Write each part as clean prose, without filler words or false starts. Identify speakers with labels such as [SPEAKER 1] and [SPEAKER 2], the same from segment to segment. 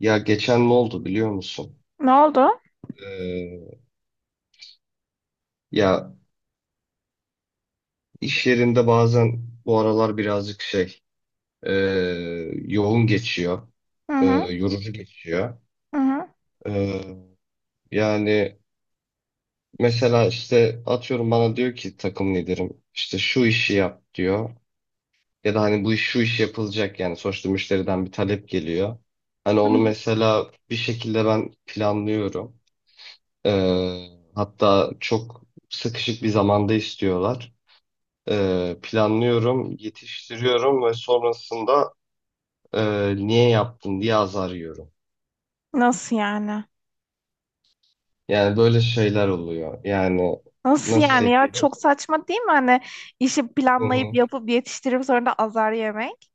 [SPEAKER 1] Ya geçen ne oldu biliyor musun?
[SPEAKER 2] Ne oldu?
[SPEAKER 1] Ee, ya iş yerinde bazen bu aralar birazcık şey e, yoğun geçiyor,
[SPEAKER 2] Hı hı,
[SPEAKER 1] yorucu geçiyor.
[SPEAKER 2] hı hı,
[SPEAKER 1] Ee, yani mesela işte atıyorum bana diyor ki takım liderim işte şu işi yap diyor. Ya da hani bu iş şu iş yapılacak yani sonuçta müşteriden bir talep geliyor. Hani
[SPEAKER 2] hı
[SPEAKER 1] onu
[SPEAKER 2] hı.
[SPEAKER 1] mesela bir şekilde ben planlıyorum. Ee, hatta çok sıkışık bir zamanda istiyorlar. Planlıyorum, yetiştiriyorum ve sonrasında niye yaptın diye azar yiyorum.
[SPEAKER 2] Nasıl yani?
[SPEAKER 1] Yani böyle şeyler oluyor. Yani
[SPEAKER 2] Nasıl
[SPEAKER 1] nasıl?
[SPEAKER 2] yani ya? Çok saçma değil mi? Hani işi
[SPEAKER 1] Hı
[SPEAKER 2] planlayıp
[SPEAKER 1] hı.
[SPEAKER 2] yapıp yetiştirip sonra da azar yemek.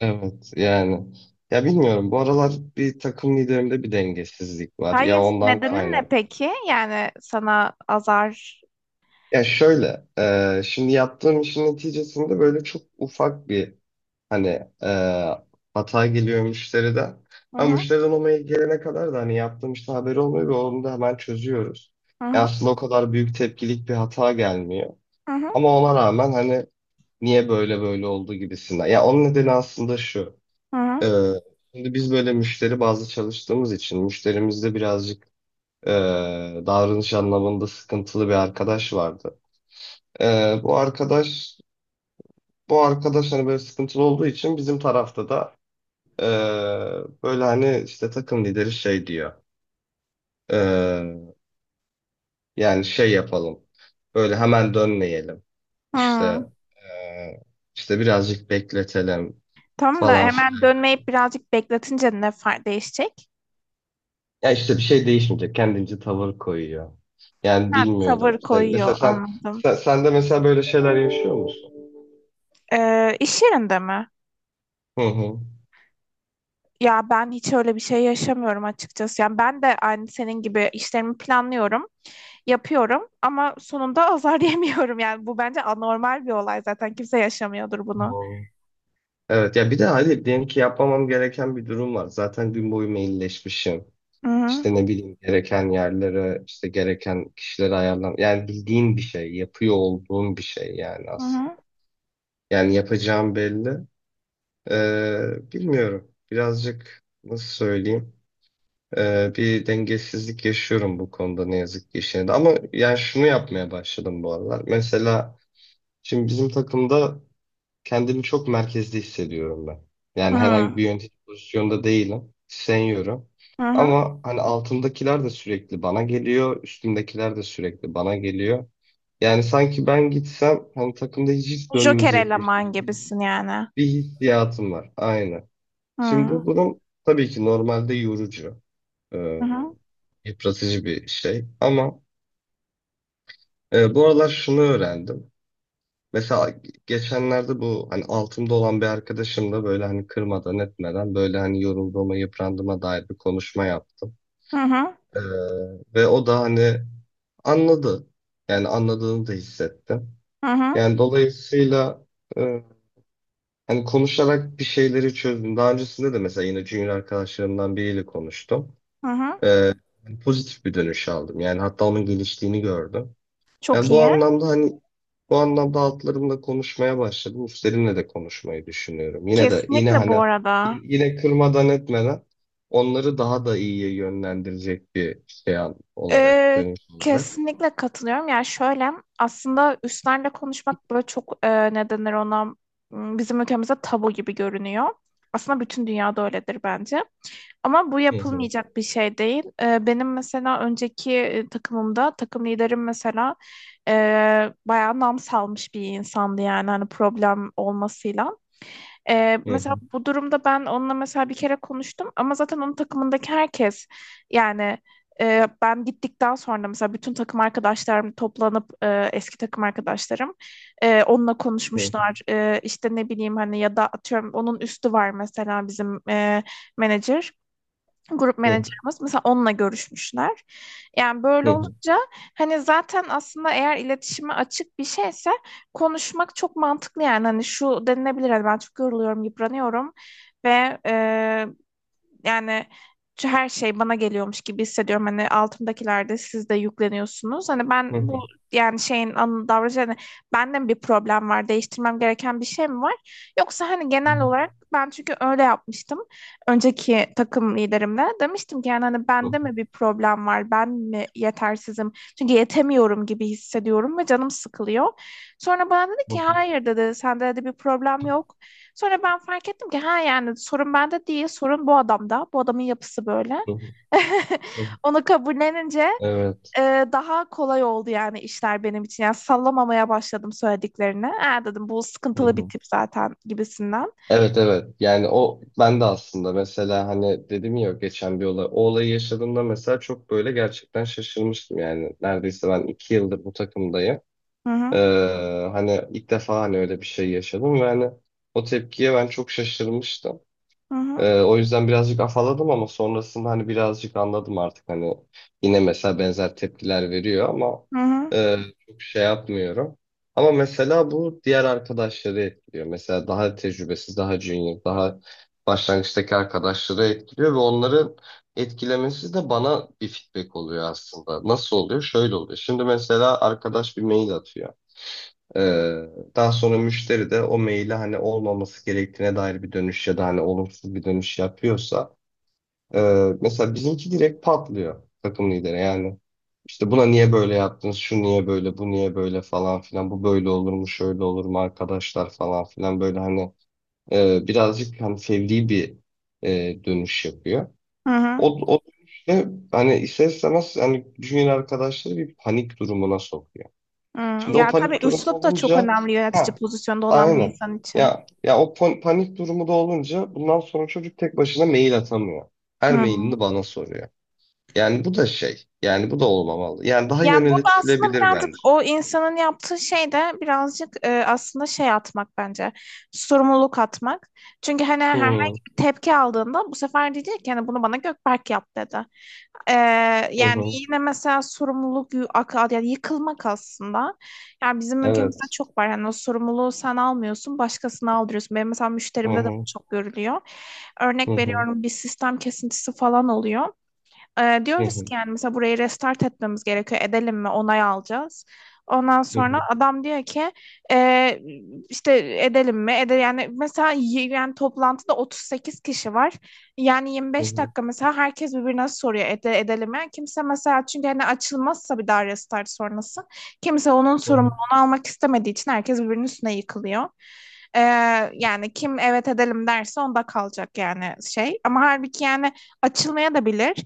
[SPEAKER 1] Evet yani. Ya bilmiyorum, bu aralar bir takım liderimde bir dengesizlik var. Ya
[SPEAKER 2] Hayır,
[SPEAKER 1] ondan
[SPEAKER 2] nedeni ne
[SPEAKER 1] kaynak.
[SPEAKER 2] peki? Yani sana azar.
[SPEAKER 1] Ya şöyle, şimdi yaptığım işin neticesinde böyle çok ufak bir hani e, hata geliyor müşteriden.
[SPEAKER 2] Hı
[SPEAKER 1] Ama
[SPEAKER 2] hı,
[SPEAKER 1] müşteriden o mail gelene kadar da hani yaptığım işte haberi olmuyor ve onu da hemen çözüyoruz.
[SPEAKER 2] hı
[SPEAKER 1] Yani
[SPEAKER 2] hı,
[SPEAKER 1] aslında o kadar büyük tepkilik bir hata gelmiyor.
[SPEAKER 2] hı hı,
[SPEAKER 1] Ama ona rağmen hani niye böyle böyle oldu gibisinden. Ya onun nedeni aslında şu.
[SPEAKER 2] hı
[SPEAKER 1] E,
[SPEAKER 2] hı.
[SPEAKER 1] Şimdi biz böyle müşteri bazlı çalıştığımız için müşterimizde birazcık e, davranış anlamında sıkıntılı bir arkadaş vardı. Bu arkadaş, hani böyle sıkıntılı olduğu için bizim tarafta da Ee, böyle hani işte takım lideri şey diyor. Ee, Yani şey yapalım. Böyle hemen dönmeyelim.
[SPEAKER 2] Hı.
[SPEAKER 1] İşte ee, işte birazcık bekletelim
[SPEAKER 2] Tamam da
[SPEAKER 1] falan
[SPEAKER 2] hemen
[SPEAKER 1] filan.
[SPEAKER 2] dönmeyip birazcık bekletince ne fark değişecek?
[SPEAKER 1] Ya işte bir şey değişmeyecek. Kendince tavır koyuyor. Yani
[SPEAKER 2] Ha,
[SPEAKER 1] bilmiyorum.
[SPEAKER 2] tavır koyuyor anladım.
[SPEAKER 1] Sen de mesela böyle şeyler yaşıyor musun?
[SPEAKER 2] İş yerinde mi?
[SPEAKER 1] Hı hı.
[SPEAKER 2] Ya ben hiç öyle bir şey yaşamıyorum açıkçası. Yani ben de aynı senin gibi işlerimi planlıyorum. Yapıyorum ama sonunda azar yemiyorum, yani bu bence anormal bir olay, zaten kimse yaşamıyordur
[SPEAKER 1] Hı.
[SPEAKER 2] bunu.
[SPEAKER 1] Evet, ya bir de hadi diyelim ki yapmamam gereken bir durum var. Zaten gün boyu mailleşmişim.
[SPEAKER 2] Hı hı
[SPEAKER 1] İşte ne bileyim gereken yerlere, işte gereken kişilere ayarlan. Yani bildiğin bir şey, yapıyor olduğun bir şey yani aslında.
[SPEAKER 2] hı
[SPEAKER 1] Yani yapacağım belli. Bilmiyorum. Birazcık nasıl söyleyeyim? Bir dengesizlik yaşıyorum bu konuda ne yazık ki işine de. Ama yani şunu yapmaya başladım bu aralar. Mesela şimdi bizim takımda kendimi çok merkezde hissediyorum ben.
[SPEAKER 2] hı
[SPEAKER 1] Yani
[SPEAKER 2] hı
[SPEAKER 1] herhangi bir yönetici pozisyonda değilim. Seniyorum.
[SPEAKER 2] hı. Hı.
[SPEAKER 1] Ama hani altımdakiler de sürekli bana geliyor. Üstümdekiler de sürekli bana geliyor. Yani sanki ben gitsem hani takımda hiç
[SPEAKER 2] Joker
[SPEAKER 1] dönmeyecekmiş
[SPEAKER 2] eleman
[SPEAKER 1] gibi bir
[SPEAKER 2] gibisin yani.
[SPEAKER 1] hissiyatım var. Aynen.
[SPEAKER 2] Hı
[SPEAKER 1] Şimdi
[SPEAKER 2] hı
[SPEAKER 1] bu durum tabii ki normalde yorucu, e,
[SPEAKER 2] hı
[SPEAKER 1] yıpratıcı bir şey. Ama bu aralar şunu öğrendim. Mesela geçenlerde bu hani altımda olan bir arkadaşımla böyle hani kırmadan etmeden böyle hani yorulduğuma, yıprandığıma dair bir konuşma yaptım.
[SPEAKER 2] hı
[SPEAKER 1] Ee, ve o da hani anladı. Yani anladığını da hissettim.
[SPEAKER 2] hı hı.
[SPEAKER 1] Yani dolayısıyla e, hani konuşarak bir şeyleri çözdüm. Daha öncesinde de mesela yine junior arkadaşlarımdan biriyle konuştum.
[SPEAKER 2] Hı. Hı.
[SPEAKER 1] Ee, pozitif bir dönüş aldım. Yani hatta onun geliştiğini gördüm. Yani
[SPEAKER 2] Çok
[SPEAKER 1] bu
[SPEAKER 2] iyi.
[SPEAKER 1] anlamda hani bu anlamda altlarımla konuşmaya başladım. Üstlerimle de konuşmayı düşünüyorum. Yine de yine
[SPEAKER 2] Kesinlikle
[SPEAKER 1] hani
[SPEAKER 2] bu arada.
[SPEAKER 1] yine kırmadan etmeden onları daha da iyiye yönlendirecek bir şey olarak
[SPEAKER 2] Ee,
[SPEAKER 1] dönüş olarak.
[SPEAKER 2] kesinlikle katılıyorum. Yani şöyle, aslında üstlerle konuşmak böyle çok ne denir ona, bizim ülkemizde tabu gibi görünüyor. Aslında bütün dünyada öyledir bence. Ama bu
[SPEAKER 1] Hı hı,
[SPEAKER 2] yapılmayacak bir şey değil. Benim mesela önceki takımımda takım liderim mesela e, bayağı nam salmış bir insandı, yani hani problem olmasıyla. Ee,
[SPEAKER 1] hı
[SPEAKER 2] mesela
[SPEAKER 1] hı,
[SPEAKER 2] bu durumda ben onunla mesela bir kere konuştum, ama zaten onun takımındaki herkes, yani ben gittikten sonra mesela bütün takım arkadaşlarım toplanıp, eski takım arkadaşlarım, onunla
[SPEAKER 1] hı
[SPEAKER 2] konuşmuşlar. E, işte ne bileyim, hani ya da atıyorum onun üstü var mesela, bizim menajer, grup
[SPEAKER 1] hı,
[SPEAKER 2] menajerimiz mesela onunla görüşmüşler. Yani böyle
[SPEAKER 1] hı hı,
[SPEAKER 2] olunca, hani zaten aslında, eğer iletişime açık bir şeyse konuşmak çok mantıklı. Yani hani şu denilebilir: hani ben çok yoruluyorum, yıpranıyorum ve yani şu her şey bana geliyormuş gibi hissediyorum. Hani altımdakilerde siz de yükleniyorsunuz. Hani ben
[SPEAKER 1] hı hı, hı
[SPEAKER 2] bu,
[SPEAKER 1] hı,
[SPEAKER 2] yani şeyin davranışı, hani bende mi bir problem var? Değiştirmem gereken bir şey mi var? Yoksa hani
[SPEAKER 1] hı
[SPEAKER 2] genel olarak ben, çünkü öyle yapmıştım. Önceki takım liderimle demiştim ki yani hani
[SPEAKER 1] hı,
[SPEAKER 2] bende mi bir problem var? Ben mi yetersizim? Çünkü yetemiyorum gibi hissediyorum ve canım sıkılıyor. Sonra bana dedi
[SPEAKER 1] hı
[SPEAKER 2] ki
[SPEAKER 1] hı,
[SPEAKER 2] hayır dedi, sende de bir problem yok. Sonra ben fark ettim ki ha, yani sorun bende değil, sorun bu adamda. Bu adamın yapısı böyle.
[SPEAKER 1] hı hı. Hı hı.
[SPEAKER 2] Onu kabullenince
[SPEAKER 1] Evet.
[SPEAKER 2] e, daha kolay oldu yani işler benim için. Yani sallamamaya başladım söylediklerini. Ha dedim, bu sıkıntılı bir tip zaten gibisinden.
[SPEAKER 1] Evet, evet yani o, ben de aslında mesela hani dedim ya geçen bir olay, o olayı yaşadığımda mesela çok böyle gerçekten şaşırmıştım, yani neredeyse ben iki yıldır bu takımdayım.
[SPEAKER 2] Hı
[SPEAKER 1] Ee,
[SPEAKER 2] hı
[SPEAKER 1] hani ilk defa hani öyle bir şey yaşadım ve hani o tepkiye ben çok şaşırmıştım.
[SPEAKER 2] hı hı
[SPEAKER 1] O yüzden birazcık afaladım ama sonrasında hani birazcık anladım artık hani yine mesela benzer tepkiler veriyor ama
[SPEAKER 2] hı hı.
[SPEAKER 1] e, çok şey yapmıyorum. Ama mesela bu diğer arkadaşları etkiliyor. Mesela daha tecrübesiz, daha junior, daha başlangıçtaki arkadaşları etkiliyor ve onların etkilemesi de bana bir feedback oluyor aslında. Nasıl oluyor? Şöyle oluyor. Şimdi mesela arkadaş bir mail atıyor. Ee, daha sonra müşteri de o maile hani olmaması gerektiğine dair bir dönüş ya da hani olumsuz bir dönüş yapıyorsa e, mesela bizimki direkt patlıyor, takım lideri yani işte buna niye böyle yaptınız, şu niye böyle, bu niye böyle falan filan, bu böyle olur mu, şöyle olur mu arkadaşlar falan filan, böyle hani birazcık hani fevri bir dönüş yapıyor.
[SPEAKER 2] Hı hı,
[SPEAKER 1] O, o dönüşte hani ister istemez hani junior arkadaşları bir panik durumuna sokuyor.
[SPEAKER 2] hı.
[SPEAKER 1] Şimdi o
[SPEAKER 2] Yani tabii
[SPEAKER 1] panik durumu
[SPEAKER 2] üslup da çok
[SPEAKER 1] olunca
[SPEAKER 2] önemli, yönetici
[SPEAKER 1] ha.
[SPEAKER 2] pozisyonda olan bir
[SPEAKER 1] Aynen.
[SPEAKER 2] insan için.
[SPEAKER 1] Ya ya o panik durumu da olunca bundan sonra çocuk tek başına mail atamıyor. Her
[SPEAKER 2] Hı.
[SPEAKER 1] mailini bana soruyor. Yani bu da şey. Yani bu da olmamalı. Yani daha
[SPEAKER 2] Yani burada aslında
[SPEAKER 1] yönetilebilir
[SPEAKER 2] birazcık
[SPEAKER 1] bence.
[SPEAKER 2] o insanın yaptığı şey de birazcık aslında şey atmak bence. Sorumluluk atmak. Çünkü hani herhangi
[SPEAKER 1] Hı
[SPEAKER 2] bir tepki aldığında bu sefer diyecek ki hani bunu bana Gökberk yap dedi. E,
[SPEAKER 1] hı
[SPEAKER 2] yani
[SPEAKER 1] hı.
[SPEAKER 2] yine mesela sorumluluk yani yıkılmak aslında. Yani bizim ülkemizde
[SPEAKER 1] Evet.
[SPEAKER 2] çok var. Yani o sorumluluğu sen almıyorsun, başkasına aldırıyorsun. Benim mesela
[SPEAKER 1] Hı
[SPEAKER 2] müşterimde de bu
[SPEAKER 1] hı
[SPEAKER 2] çok görülüyor.
[SPEAKER 1] hı
[SPEAKER 2] Örnek
[SPEAKER 1] hı
[SPEAKER 2] veriyorum, bir sistem kesintisi falan oluyor. Ee,
[SPEAKER 1] hı
[SPEAKER 2] diyoruz
[SPEAKER 1] hı
[SPEAKER 2] ki yani mesela burayı restart etmemiz gerekiyor. Edelim mi? Onay alacağız. Ondan
[SPEAKER 1] hı
[SPEAKER 2] sonra
[SPEAKER 1] hı
[SPEAKER 2] adam diyor ki, "Ee, işte edelim mi? Yani mesela yani toplantıda 38 kişi var. Yani
[SPEAKER 1] hı
[SPEAKER 2] 25
[SPEAKER 1] hı
[SPEAKER 2] dakika mesela herkes birbirine soruyor, edelim mi?" Yani kimse mesela, çünkü hani açılmazsa bir daha restart sonrası kimse onun
[SPEAKER 1] hı. Hı.
[SPEAKER 2] sorumluluğunu almak istemediği için herkes birbirinin üstüne yıkılıyor. Ee, yani kim evet edelim derse onda kalacak, yani şey. Ama halbuki yani açılmaya da bilir.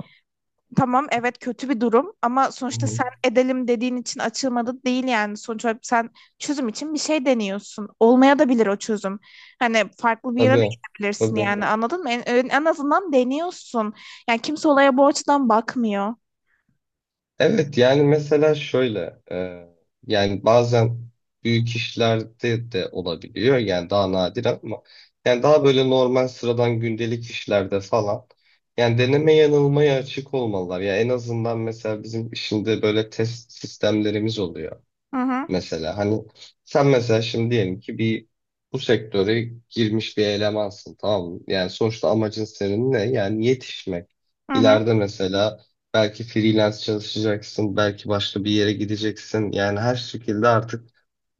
[SPEAKER 2] Tamam, evet, kötü bir durum, ama
[SPEAKER 1] Hı
[SPEAKER 2] sonuçta
[SPEAKER 1] hı.
[SPEAKER 2] sen edelim dediğin için açılmadı değil yani. Sonuç olarak sen çözüm için bir şey deniyorsun. Olmaya da bilir o çözüm. Hani farklı bir yere de
[SPEAKER 1] Tabii.
[SPEAKER 2] gidebilirsin
[SPEAKER 1] Tabii.
[SPEAKER 2] yani, anladın mı? En azından deniyorsun. Yani kimse olaya bu açıdan bakmıyor.
[SPEAKER 1] Evet yani mesela şöyle, yani bazen büyük işlerde de olabiliyor yani daha nadir ama yani daha böyle normal sıradan gündelik işlerde falan yani deneme yanılmaya açık olmalılar. Ya en azından mesela bizim işinde böyle test sistemlerimiz oluyor.
[SPEAKER 2] Hı hı,
[SPEAKER 1] Mesela hani sen mesela şimdi diyelim ki bir bu sektöre girmiş bir elemansın, tamam mı? Yani sonuçta amacın senin ne? Yani yetişmek.
[SPEAKER 2] hı hı.
[SPEAKER 1] İleride mesela belki freelance çalışacaksın, belki başka bir yere gideceksin. Yani her şekilde artık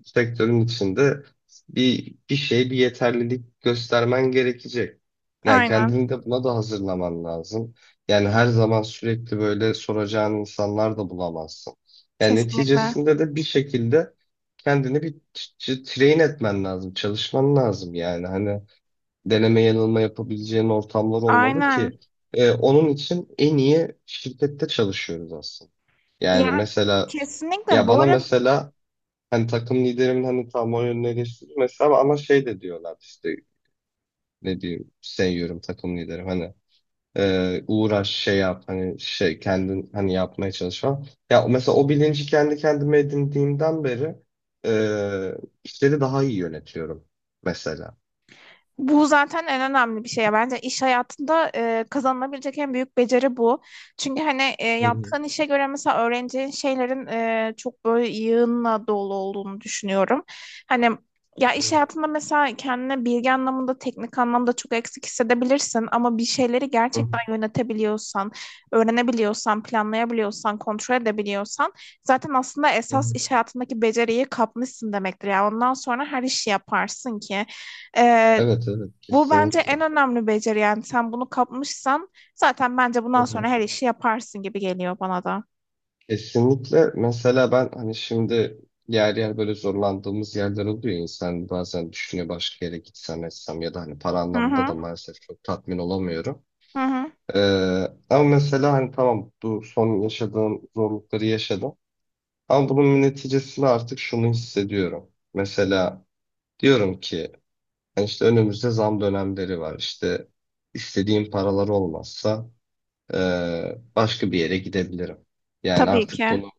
[SPEAKER 1] sektörün içinde bir şey, bir yeterlilik göstermen gerekecek. Yani
[SPEAKER 2] Aynen.
[SPEAKER 1] kendini de buna da hazırlaman lazım. Yani her zaman sürekli böyle soracağın insanlar da bulamazsın. Yani
[SPEAKER 2] Kesinlikle.
[SPEAKER 1] neticesinde de bir şekilde kendini bir train etmen lazım, çalışman lazım yani. Hani deneme yanılma yapabileceğin ortamlar olmalı
[SPEAKER 2] Aynen.
[SPEAKER 1] ki onun için en iyi şirkette çalışıyoruz aslında. Yani
[SPEAKER 2] Ya
[SPEAKER 1] mesela
[SPEAKER 2] kesinlikle
[SPEAKER 1] ya
[SPEAKER 2] bu
[SPEAKER 1] bana
[SPEAKER 2] arada.
[SPEAKER 1] mesela hani takım liderimin hani tam o yönüne geçti mesela ama şey de diyorlar işte ne diyeyim, seviyorum takım liderim hani uğraş şey yap hani şey kendin hani yapmaya çalış falan. Ya mesela o bilinci kendi kendime edindiğimden beri e, işleri daha iyi yönetiyorum mesela.
[SPEAKER 2] Bu zaten en önemli bir şey ya. Bence iş hayatında kazanılabilecek en büyük beceri bu. Çünkü hani
[SPEAKER 1] Hı hı.
[SPEAKER 2] yaptığın işe göre mesela öğreneceğin şeylerin çok böyle yığınla dolu olduğunu düşünüyorum. Hani ya iş
[SPEAKER 1] Evet.
[SPEAKER 2] hayatında mesela kendine bilgi anlamında, teknik anlamda çok eksik hissedebilirsin, ama bir şeyleri
[SPEAKER 1] Hı. Hı
[SPEAKER 2] gerçekten yönetebiliyorsan, öğrenebiliyorsan, planlayabiliyorsan, kontrol edebiliyorsan, zaten aslında
[SPEAKER 1] hı.
[SPEAKER 2] esas
[SPEAKER 1] Hı.
[SPEAKER 2] iş hayatındaki beceriyi kapmışsın demektir. Yani ondan sonra her işi yaparsın ki. Ee,
[SPEAKER 1] Evet evet
[SPEAKER 2] bu bence en
[SPEAKER 1] kesinlikle.
[SPEAKER 2] önemli beceri yani. Sen bunu kapmışsan zaten, bence
[SPEAKER 1] Hı
[SPEAKER 2] bundan
[SPEAKER 1] hı.
[SPEAKER 2] sonra her işi yaparsın gibi geliyor bana da.
[SPEAKER 1] Kesinlikle. Mesela ben hani şimdi yer yer böyle zorlandığımız yerler oluyor. İnsan bazen düşünüyor başka yere gitsem etsem, ya da hani para
[SPEAKER 2] Hı
[SPEAKER 1] anlamında da
[SPEAKER 2] hı,
[SPEAKER 1] maalesef çok tatmin olamıyorum.
[SPEAKER 2] hı hı.
[SPEAKER 1] Ee, ama mesela hani tamam, bu son yaşadığım zorlukları yaşadım. Ama bunun neticesinde artık şunu hissediyorum. Mesela diyorum ki hani işte önümüzde zam dönemleri var. İşte istediğim paralar olmazsa başka bir yere gidebilirim. Yani
[SPEAKER 2] Tabii
[SPEAKER 1] artık
[SPEAKER 2] ki.
[SPEAKER 1] bunu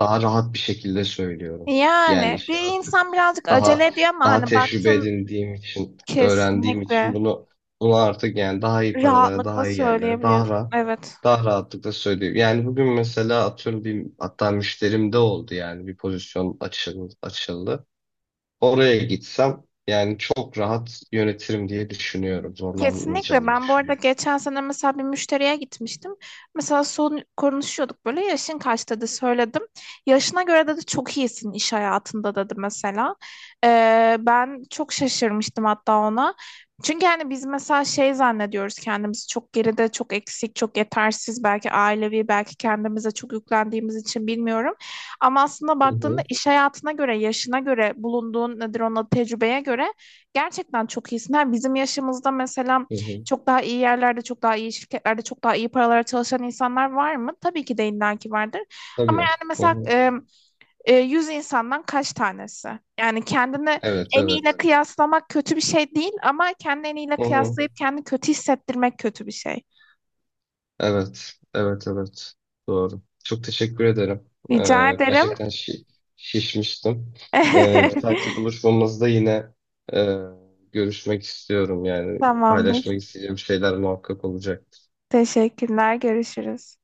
[SPEAKER 1] daha rahat bir şekilde söylüyorum. Yani
[SPEAKER 2] Yani
[SPEAKER 1] işi
[SPEAKER 2] bir
[SPEAKER 1] artık
[SPEAKER 2] insan birazcık acele
[SPEAKER 1] daha
[SPEAKER 2] ediyor, ama
[SPEAKER 1] daha
[SPEAKER 2] hani
[SPEAKER 1] tecrübe
[SPEAKER 2] baktın,
[SPEAKER 1] edindiğim için, öğrendiğim için
[SPEAKER 2] kesinlikle
[SPEAKER 1] bunu artık yani daha iyi paralara,
[SPEAKER 2] rahatlıkla
[SPEAKER 1] daha iyi yerlere, daha
[SPEAKER 2] söyleyebiliyorsun.
[SPEAKER 1] rahat,
[SPEAKER 2] Evet.
[SPEAKER 1] daha rahatlıkla söylüyorum. Yani bugün mesela atıyorum bir, hatta müşterim de oldu, yani bir pozisyon açıldı. Oraya gitsem yani çok rahat yönetirim diye düşünüyorum.
[SPEAKER 2] Kesinlikle.
[SPEAKER 1] Zorlanmayacağımı
[SPEAKER 2] Ben bu arada
[SPEAKER 1] düşünüyorum.
[SPEAKER 2] geçen sene mesela bir müşteriye gitmiştim. Mesela son konuşuyorduk böyle, yaşın kaç dedi, söyledim. Yaşına göre dedi çok iyisin iş hayatında dedi mesela. Ben çok şaşırmıştım hatta ona. Çünkü hani biz mesela şey zannediyoruz kendimizi, çok geride, çok eksik, çok yetersiz, belki ailevi, belki kendimize çok yüklendiğimiz için, bilmiyorum. Ama aslında
[SPEAKER 1] Hı
[SPEAKER 2] baktığında
[SPEAKER 1] hı,
[SPEAKER 2] iş hayatına göre, yaşına göre, bulunduğun, nedir ona, tecrübeye göre gerçekten çok iyisin. Ha, bizim yaşımızda mesela
[SPEAKER 1] hı hı.
[SPEAKER 2] çok daha iyi yerlerde, çok daha iyi şirketlerde, çok daha iyi paralara çalışan insanlar var mı? Tabii ki de illaki vardır.
[SPEAKER 1] Tabii.
[SPEAKER 2] Ama yani
[SPEAKER 1] Hı
[SPEAKER 2] mesela
[SPEAKER 1] hı.
[SPEAKER 2] 100 insandan kaç tanesi? Yani kendini
[SPEAKER 1] Evet,
[SPEAKER 2] en iyiyle,
[SPEAKER 1] evet.
[SPEAKER 2] evet, kıyaslamak kötü bir şey değil, ama kendini en iyiyle
[SPEAKER 1] Hı hı.
[SPEAKER 2] kıyaslayıp kendini kötü hissettirmek kötü bir şey.
[SPEAKER 1] Evet, evet, evet. Doğru. Çok teşekkür ederim.
[SPEAKER 2] Rica ederim.
[SPEAKER 1] Gerçekten şişmiştim.
[SPEAKER 2] Evet.
[SPEAKER 1] Bir dahaki buluşmamızda yine e, görüşmek istiyorum. Yani paylaşmak
[SPEAKER 2] Tamamdır.
[SPEAKER 1] isteyeceğim şeyler muhakkak olacak.
[SPEAKER 2] Teşekkürler. Görüşürüz.